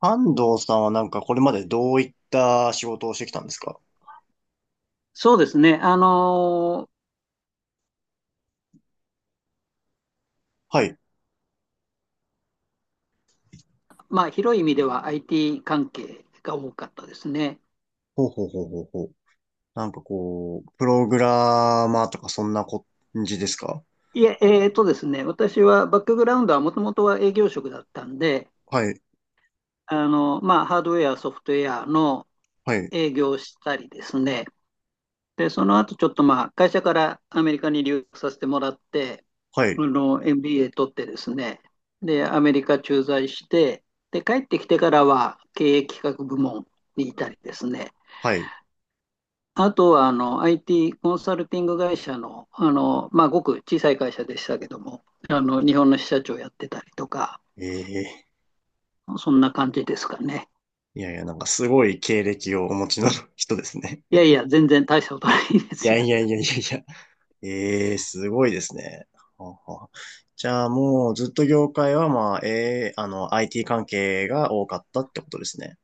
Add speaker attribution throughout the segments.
Speaker 1: 安藤さんはなんかこれまでどういった仕事をしてきたんですか？
Speaker 2: そうですね。
Speaker 1: はい。
Speaker 2: まあ、広い意味では IT 関係が多かったですね。
Speaker 1: ほうほうほうほうほう。なんかこう、プログラマーとかそんな感じですか？
Speaker 2: いえ、ですね、私はバックグラウンドはもともとは営業職だったんで、
Speaker 1: はい、
Speaker 2: まあ、ハードウェア、ソフトウェアの
Speaker 1: はい、
Speaker 2: 営業をしたりですね。で、その後ちょっとまあ、会社からアメリカに留学させてもらって、
Speaker 1: はい、
Speaker 2: MBA 取ってですね。で、アメリカ駐在して、で、帰ってきてからは経営企画部門にいたりですね。
Speaker 1: はい。
Speaker 2: あとは、IT コンサルティング会社の、まあ、ごく小さい会社でしたけども、日本の支社長やってたりとか、
Speaker 1: ええ、
Speaker 2: そんな感じですかね。
Speaker 1: いやいや、なんかすごい経歴をお持ちの 人ですね。
Speaker 2: いやいや、全然大したことないで
Speaker 1: い
Speaker 2: す
Speaker 1: や
Speaker 2: よ。
Speaker 1: いやいやいやいや。ええ、すごいですね。はあはあ。じゃあもうずっと業界はまあ、ええIT 関係が多かったってことですね。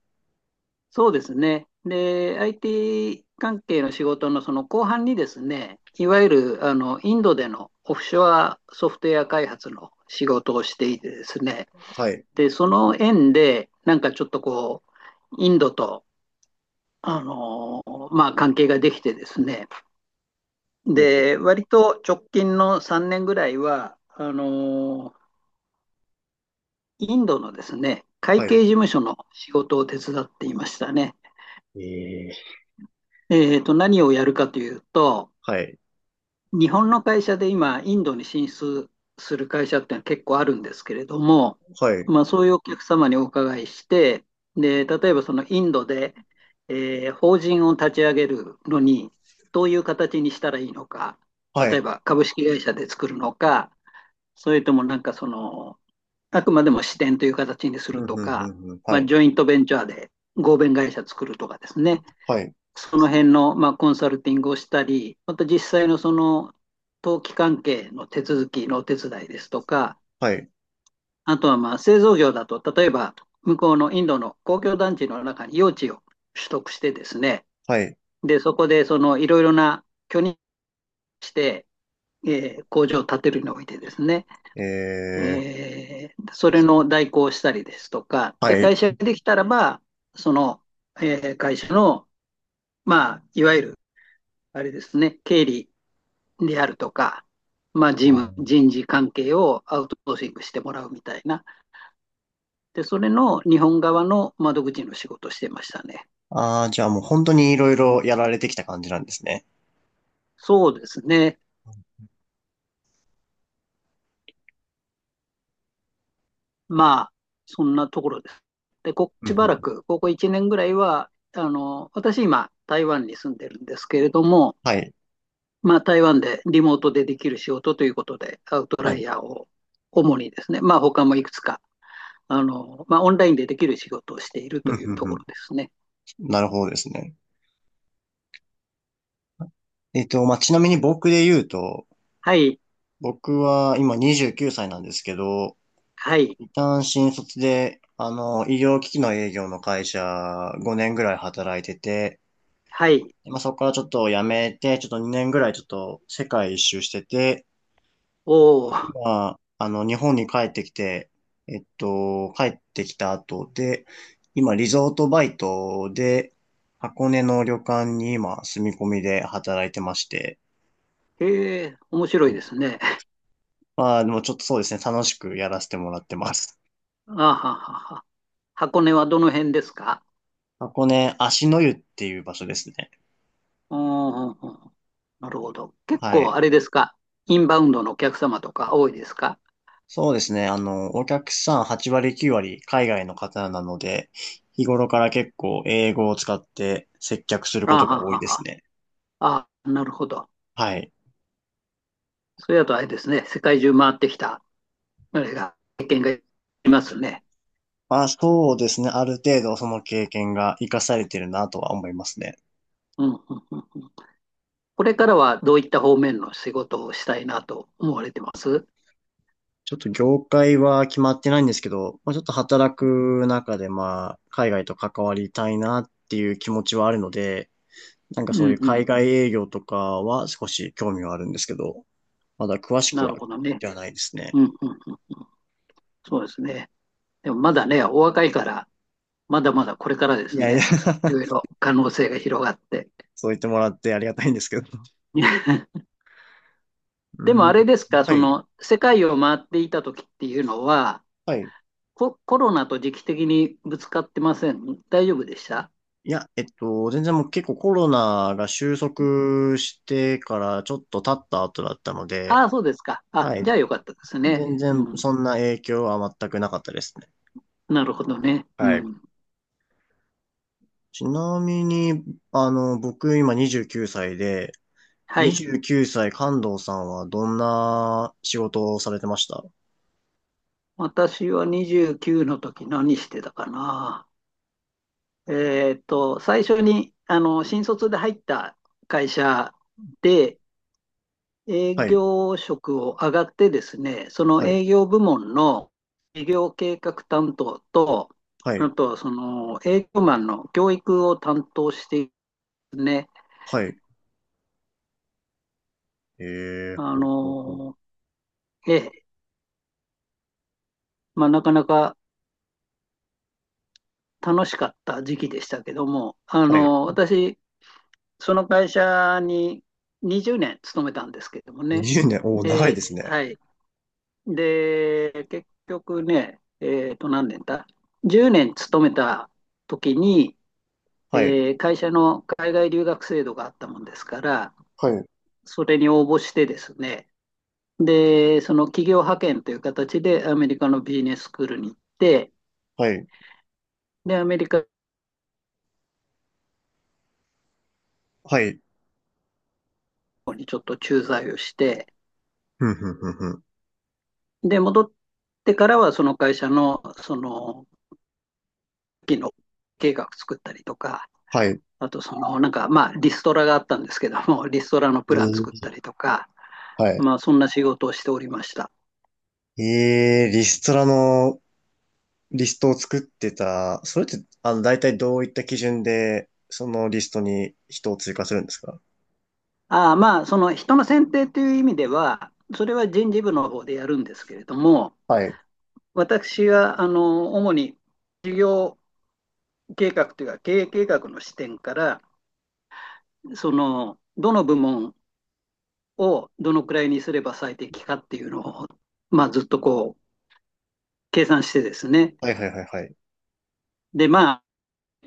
Speaker 2: そうですね。で、IT 関係の仕事のその後半にですね、いわゆる、インドでのオフショアソフトウェア開発の仕事をしていてですね、
Speaker 1: はい。
Speaker 2: で、その縁で、なんかちょっとこう、インドと、あの、まあ、関係ができてですね、
Speaker 1: ほう
Speaker 2: で、
Speaker 1: ほう。
Speaker 2: 割と直近の3年ぐらいは、インドのですね、会
Speaker 1: はい。
Speaker 2: 計事務所の仕事を手伝っていましたね。
Speaker 1: ええ、
Speaker 2: 何をやるかというと、
Speaker 1: はい。
Speaker 2: 日本の会社で今、インドに進出する会社ってのは結構あるんですけれども、
Speaker 1: はい。
Speaker 2: まあ、そういうお客様にお伺いして、で、例えばそのインドで、法人を立ち上げるのに、どういう形にしたらいいのか、
Speaker 1: は
Speaker 2: 例え
Speaker 1: い。
Speaker 2: ば株式会社で作るのか、それともなんかその、あくまでも支店という形にす
Speaker 1: う
Speaker 2: る
Speaker 1: ん、
Speaker 2: と
Speaker 1: うん、う
Speaker 2: か、
Speaker 1: ん、うん。
Speaker 2: ま
Speaker 1: は
Speaker 2: あ、
Speaker 1: い。
Speaker 2: ジョイントベンチャーで合弁会社作るとかですね、
Speaker 1: はい。
Speaker 2: その辺の、まあ、コンサルティングをしたり、また実際のその登記関係の手続きのお手伝いですとか、
Speaker 1: はい。
Speaker 2: あとはまあ製造業だと、例えば向こうのインドの公共団地の中に用地を取得してですね、
Speaker 1: はい。
Speaker 2: で、そこでそのいろいろな許認して、工場を建てるにおいてですね、
Speaker 1: えー、
Speaker 2: それの代行をしたりですとか、で、
Speaker 1: はい。
Speaker 2: 会社ができたらば、その、会社の、まあ、いわゆる、あれですね、経理であるとか、まあ、事務、人事関係をアウトソーシングしてもらうみたいな。で、それの日本側の窓口の仕事をしてましたね。
Speaker 1: ああー、じゃあもう本当にいろいろやられてきた感じなんですね。
Speaker 2: そうですね。まあ、そんなところです。で、ここ
Speaker 1: うんう
Speaker 2: し
Speaker 1: んう
Speaker 2: ばら
Speaker 1: ん。
Speaker 2: く、ここ1年ぐらいは、私今、台湾に住んでるんですけれども、
Speaker 1: はい。
Speaker 2: まあ、台湾でリモートでできる仕事ということで、アウト
Speaker 1: は
Speaker 2: ライ
Speaker 1: い。
Speaker 2: ヤーを主にですね、まあ、他もいくつか、まあ、オンラインでできる仕事をしている
Speaker 1: うん
Speaker 2: という
Speaker 1: う
Speaker 2: と
Speaker 1: んう
Speaker 2: こ
Speaker 1: ん。
Speaker 2: ろですね。
Speaker 1: なるほどですね。まあ、ちなみに僕で言うと、
Speaker 2: はい、
Speaker 1: 僕は今29歳なんですけど、
Speaker 2: はい、
Speaker 1: 一旦新卒で、医療機器の営業の会社5年ぐらい働いてて、
Speaker 2: はい。
Speaker 1: まあ、そこからちょっと辞めて、ちょっと2年ぐらいちょっと世界一周してて、
Speaker 2: おー、
Speaker 1: 今、日本に帰ってきて、帰ってきた後で、今、リゾートバイトで、箱根の旅館に今、住み込みで働いてまして、
Speaker 2: へえ、面白
Speaker 1: う
Speaker 2: いで
Speaker 1: ん、
Speaker 2: すね。
Speaker 1: まあ、でもちょっとそうですね、楽しくやらせてもらってます。
Speaker 2: あははは。箱根はどの辺ですか？
Speaker 1: 箱根、芦の湯っていう場所ですね。
Speaker 2: うんうんうん。なるほど。結
Speaker 1: はい。
Speaker 2: 構あれですか？インバウンドのお客様とか多いですか？
Speaker 1: そうですね、お客さん8割9割海外の方なので、日頃から結構英語を使って接客する
Speaker 2: あ
Speaker 1: ことが
Speaker 2: は
Speaker 1: 多い
Speaker 2: は
Speaker 1: です
Speaker 2: は。
Speaker 1: ね。
Speaker 2: あ、なるほど。
Speaker 1: はい。
Speaker 2: それだとあれですね、世界中回ってきた経験がありますね。
Speaker 1: まあそうですね。ある程度その経験が活かされてるなとは思いますね。
Speaker 2: うんうんうんうん。これからはどういった方面の仕事をしたいなと思われてます？
Speaker 1: ちょっと業界は決まってないんですけど、まあ、ちょっと働く中でまあ海外と関わりたいなっていう気持ちはあるので、なんか
Speaker 2: う
Speaker 1: そういう
Speaker 2: んう
Speaker 1: 海
Speaker 2: ん。
Speaker 1: 外営業とかは少し興味はあるんですけど、まだ詳しく
Speaker 2: な
Speaker 1: は
Speaker 2: るほどね。
Speaker 1: ではないですね。
Speaker 2: うんうんうん。そうですね。でもまだね、お若いから、まだまだこれからで
Speaker 1: い
Speaker 2: す
Speaker 1: やいや
Speaker 2: ね。いろい ろ可能性が広がって。
Speaker 1: そう言ってもらってありがたいんですけど。う
Speaker 2: でも
Speaker 1: ん。
Speaker 2: あれですか、
Speaker 1: は
Speaker 2: そ
Speaker 1: い。
Speaker 2: の世界を回っていた時っていうのは、
Speaker 1: はい。
Speaker 2: コロナと時期的にぶつかってません？大丈夫でした？
Speaker 1: いや、全然もう結構コロナが収束してからちょっと経った後だったので、
Speaker 2: ああ、そうですか。あ、
Speaker 1: はい。
Speaker 2: じゃあよかったですね。
Speaker 1: 全
Speaker 2: う
Speaker 1: 然
Speaker 2: ん。
Speaker 1: そんな影響は全くなかったですね。
Speaker 2: なるほどね。う
Speaker 1: はい。
Speaker 2: ん。
Speaker 1: ちなみに、僕今29歳で、
Speaker 2: はい。
Speaker 1: 29歳関東さんはどんな仕事をされてました？
Speaker 2: 私は29の時何してたかな。最初に、新卒で入った会社で営
Speaker 1: はい、
Speaker 2: 業職を上がってですね、その
Speaker 1: はい、
Speaker 2: 営業部門の営業計画担当と、
Speaker 1: は
Speaker 2: あ
Speaker 1: い、
Speaker 2: と、その営業マンの教育を担当してですね、
Speaker 1: はい。え
Speaker 2: あ
Speaker 1: ほうほうほう。
Speaker 2: の、ええ、まあ、なかなか楽しかった時期でしたけども、
Speaker 1: はい。
Speaker 2: 私、その会社に20年勤めたんですけどもね。
Speaker 1: 20年、おー、長いで
Speaker 2: で、
Speaker 1: すね。
Speaker 2: はい。で、結局ね、何年だ ?10 年勤めた時に、
Speaker 1: はい、
Speaker 2: 会社の海外留学制度があったもんですから、
Speaker 1: はい、
Speaker 2: それに応募してですね、で、その企業派遣という形でアメリカのビジネススクールに行って、
Speaker 1: はい、
Speaker 2: で、アメリカ
Speaker 1: はい。
Speaker 2: にちょっと駐在をして、
Speaker 1: ふんふんふんふん。
Speaker 2: で、戻ってからはその会社の、その期の計画作ったりとか、
Speaker 1: はい。
Speaker 2: あとその、なんか、まあ、リストラがあったんですけども、リストラの
Speaker 1: え
Speaker 2: プラン作っ
Speaker 1: ー、
Speaker 2: たりとか、
Speaker 1: はい。
Speaker 2: まあ、そんな仕事をしておりました。
Speaker 1: ええ、リストラのリストを作ってた、それって、大体どういった基準で、そのリストに人を追加するんですか？
Speaker 2: ああ、まあ、その人の選定という意味では、それは人事部の方でやるんですけれども、
Speaker 1: はい。
Speaker 2: 私は、主に事業計画というか、経営計画の視点から、その、どの部門をどのくらいにすれば最適かっていうのを、まあ、ずっと計算してですね、
Speaker 1: はいはいはいはい。
Speaker 2: で、ま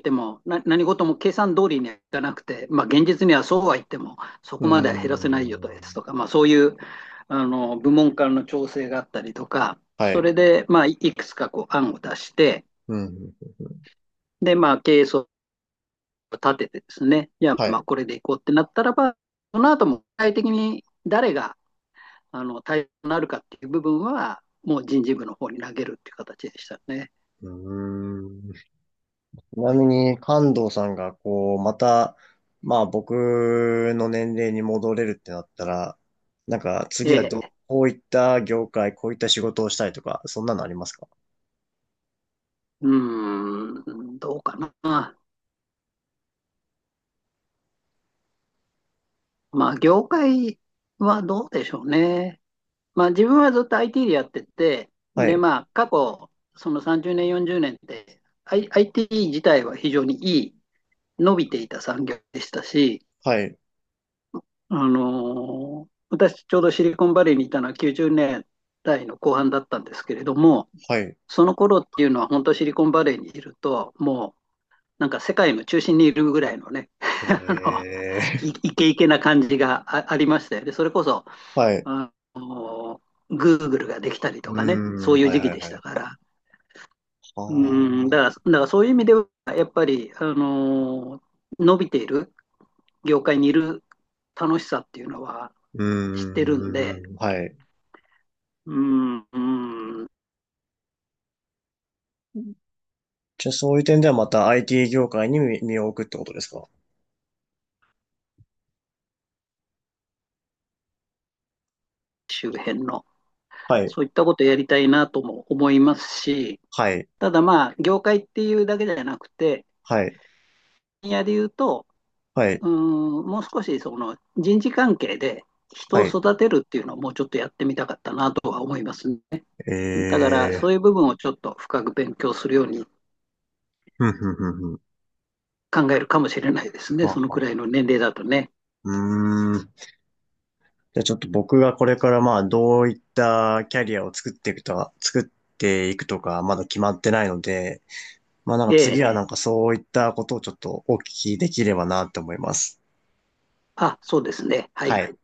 Speaker 2: ても、何事も計算通りにはいかなくて、まあ、現実にはそうは言っても、そ
Speaker 1: う
Speaker 2: こ
Speaker 1: ー
Speaker 2: までは減らせないよとです
Speaker 1: ん。
Speaker 2: とか、まあ、そういう部門間の調整があったりとか、
Speaker 1: は
Speaker 2: そ
Speaker 1: い。
Speaker 2: れで、まあ、いくつか案を出して、
Speaker 1: うん。
Speaker 2: で、まあ、経営層を立ててですね、いや、
Speaker 1: はい。
Speaker 2: まあ、
Speaker 1: う
Speaker 2: これでいこうってなったらば、その後も具体的に誰があの対象になるかっていう部分は、もう人事部の方に投げるっていう形でしたね。
Speaker 1: ーん。ちなみに、関東さんが、こう、また、まあ、僕の年齢に戻れるってなったら、なんか、次は
Speaker 2: え
Speaker 1: どう、
Speaker 2: え、
Speaker 1: こういった業界、こういった仕事をしたいとか、そんなのありますか？
Speaker 2: うん、どうかな。まあ、業界はどうでしょうね。まあ、自分はずっと IT でやってて、
Speaker 1: は
Speaker 2: で、
Speaker 1: い。
Speaker 2: まあ、過去、その30年、40年って、IT 自体は非常にいい、伸びていた産業でしたし、
Speaker 1: はい。
Speaker 2: 私、ちょうどシリコンバレーにいたのは90年代の後半だったんですけれども、
Speaker 1: はい。
Speaker 2: その頃っていうのは、本当シリコンバレーにいると、もう、なんか世界の中心にいるぐらいのね、
Speaker 1: え
Speaker 2: あの、イ
Speaker 1: え、
Speaker 2: ケイケな感じがありましたよね。それこそ、
Speaker 1: はい。う
Speaker 2: あの、Google ができたりと
Speaker 1: ー
Speaker 2: かね、そ
Speaker 1: ん、
Speaker 2: ういう
Speaker 1: はい
Speaker 2: 時
Speaker 1: は
Speaker 2: 期
Speaker 1: い
Speaker 2: でし
Speaker 1: は
Speaker 2: た
Speaker 1: い。
Speaker 2: から。
Speaker 1: ああ、
Speaker 2: うん、
Speaker 1: う
Speaker 2: だからそういう意味では、やっぱり、伸びている業界にいる楽しさっていうのは知ってるんで、
Speaker 1: ーん、はい。
Speaker 2: うん、うん、
Speaker 1: じゃあそういう点ではまた IT 業界に身を置くってことですか？
Speaker 2: 周辺の、
Speaker 1: はい、
Speaker 2: そういったことをやりたいなとも思いますし、
Speaker 1: はい、
Speaker 2: ただまあ、業界っていうだけじゃなくて、
Speaker 1: はい、
Speaker 2: 分野で言うと、
Speaker 1: はい、
Speaker 2: うん、もう少しその人事関係で人を
Speaker 1: はい。
Speaker 2: 育てるっていうのをもうちょっとやってみたかったなとは思いますね。だから、そ
Speaker 1: え
Speaker 2: う
Speaker 1: え、
Speaker 2: いう部分をちょっと深く勉強するように
Speaker 1: ふんふんふんふん。
Speaker 2: 考えるかもしれないですね。
Speaker 1: は
Speaker 2: その
Speaker 1: は
Speaker 2: くらい
Speaker 1: は。
Speaker 2: の年齢だとね。
Speaker 1: うーん。じゃあちょっと僕がこれからまあどういったキャリアを作っていくとか、作っていくとかまだ決まってないので、まあなんか
Speaker 2: え
Speaker 1: 次は
Speaker 2: え。
Speaker 1: なんかそういったことをちょっとお聞きできればなって思います。
Speaker 2: あ、そうですね。は
Speaker 1: は
Speaker 2: い。
Speaker 1: い。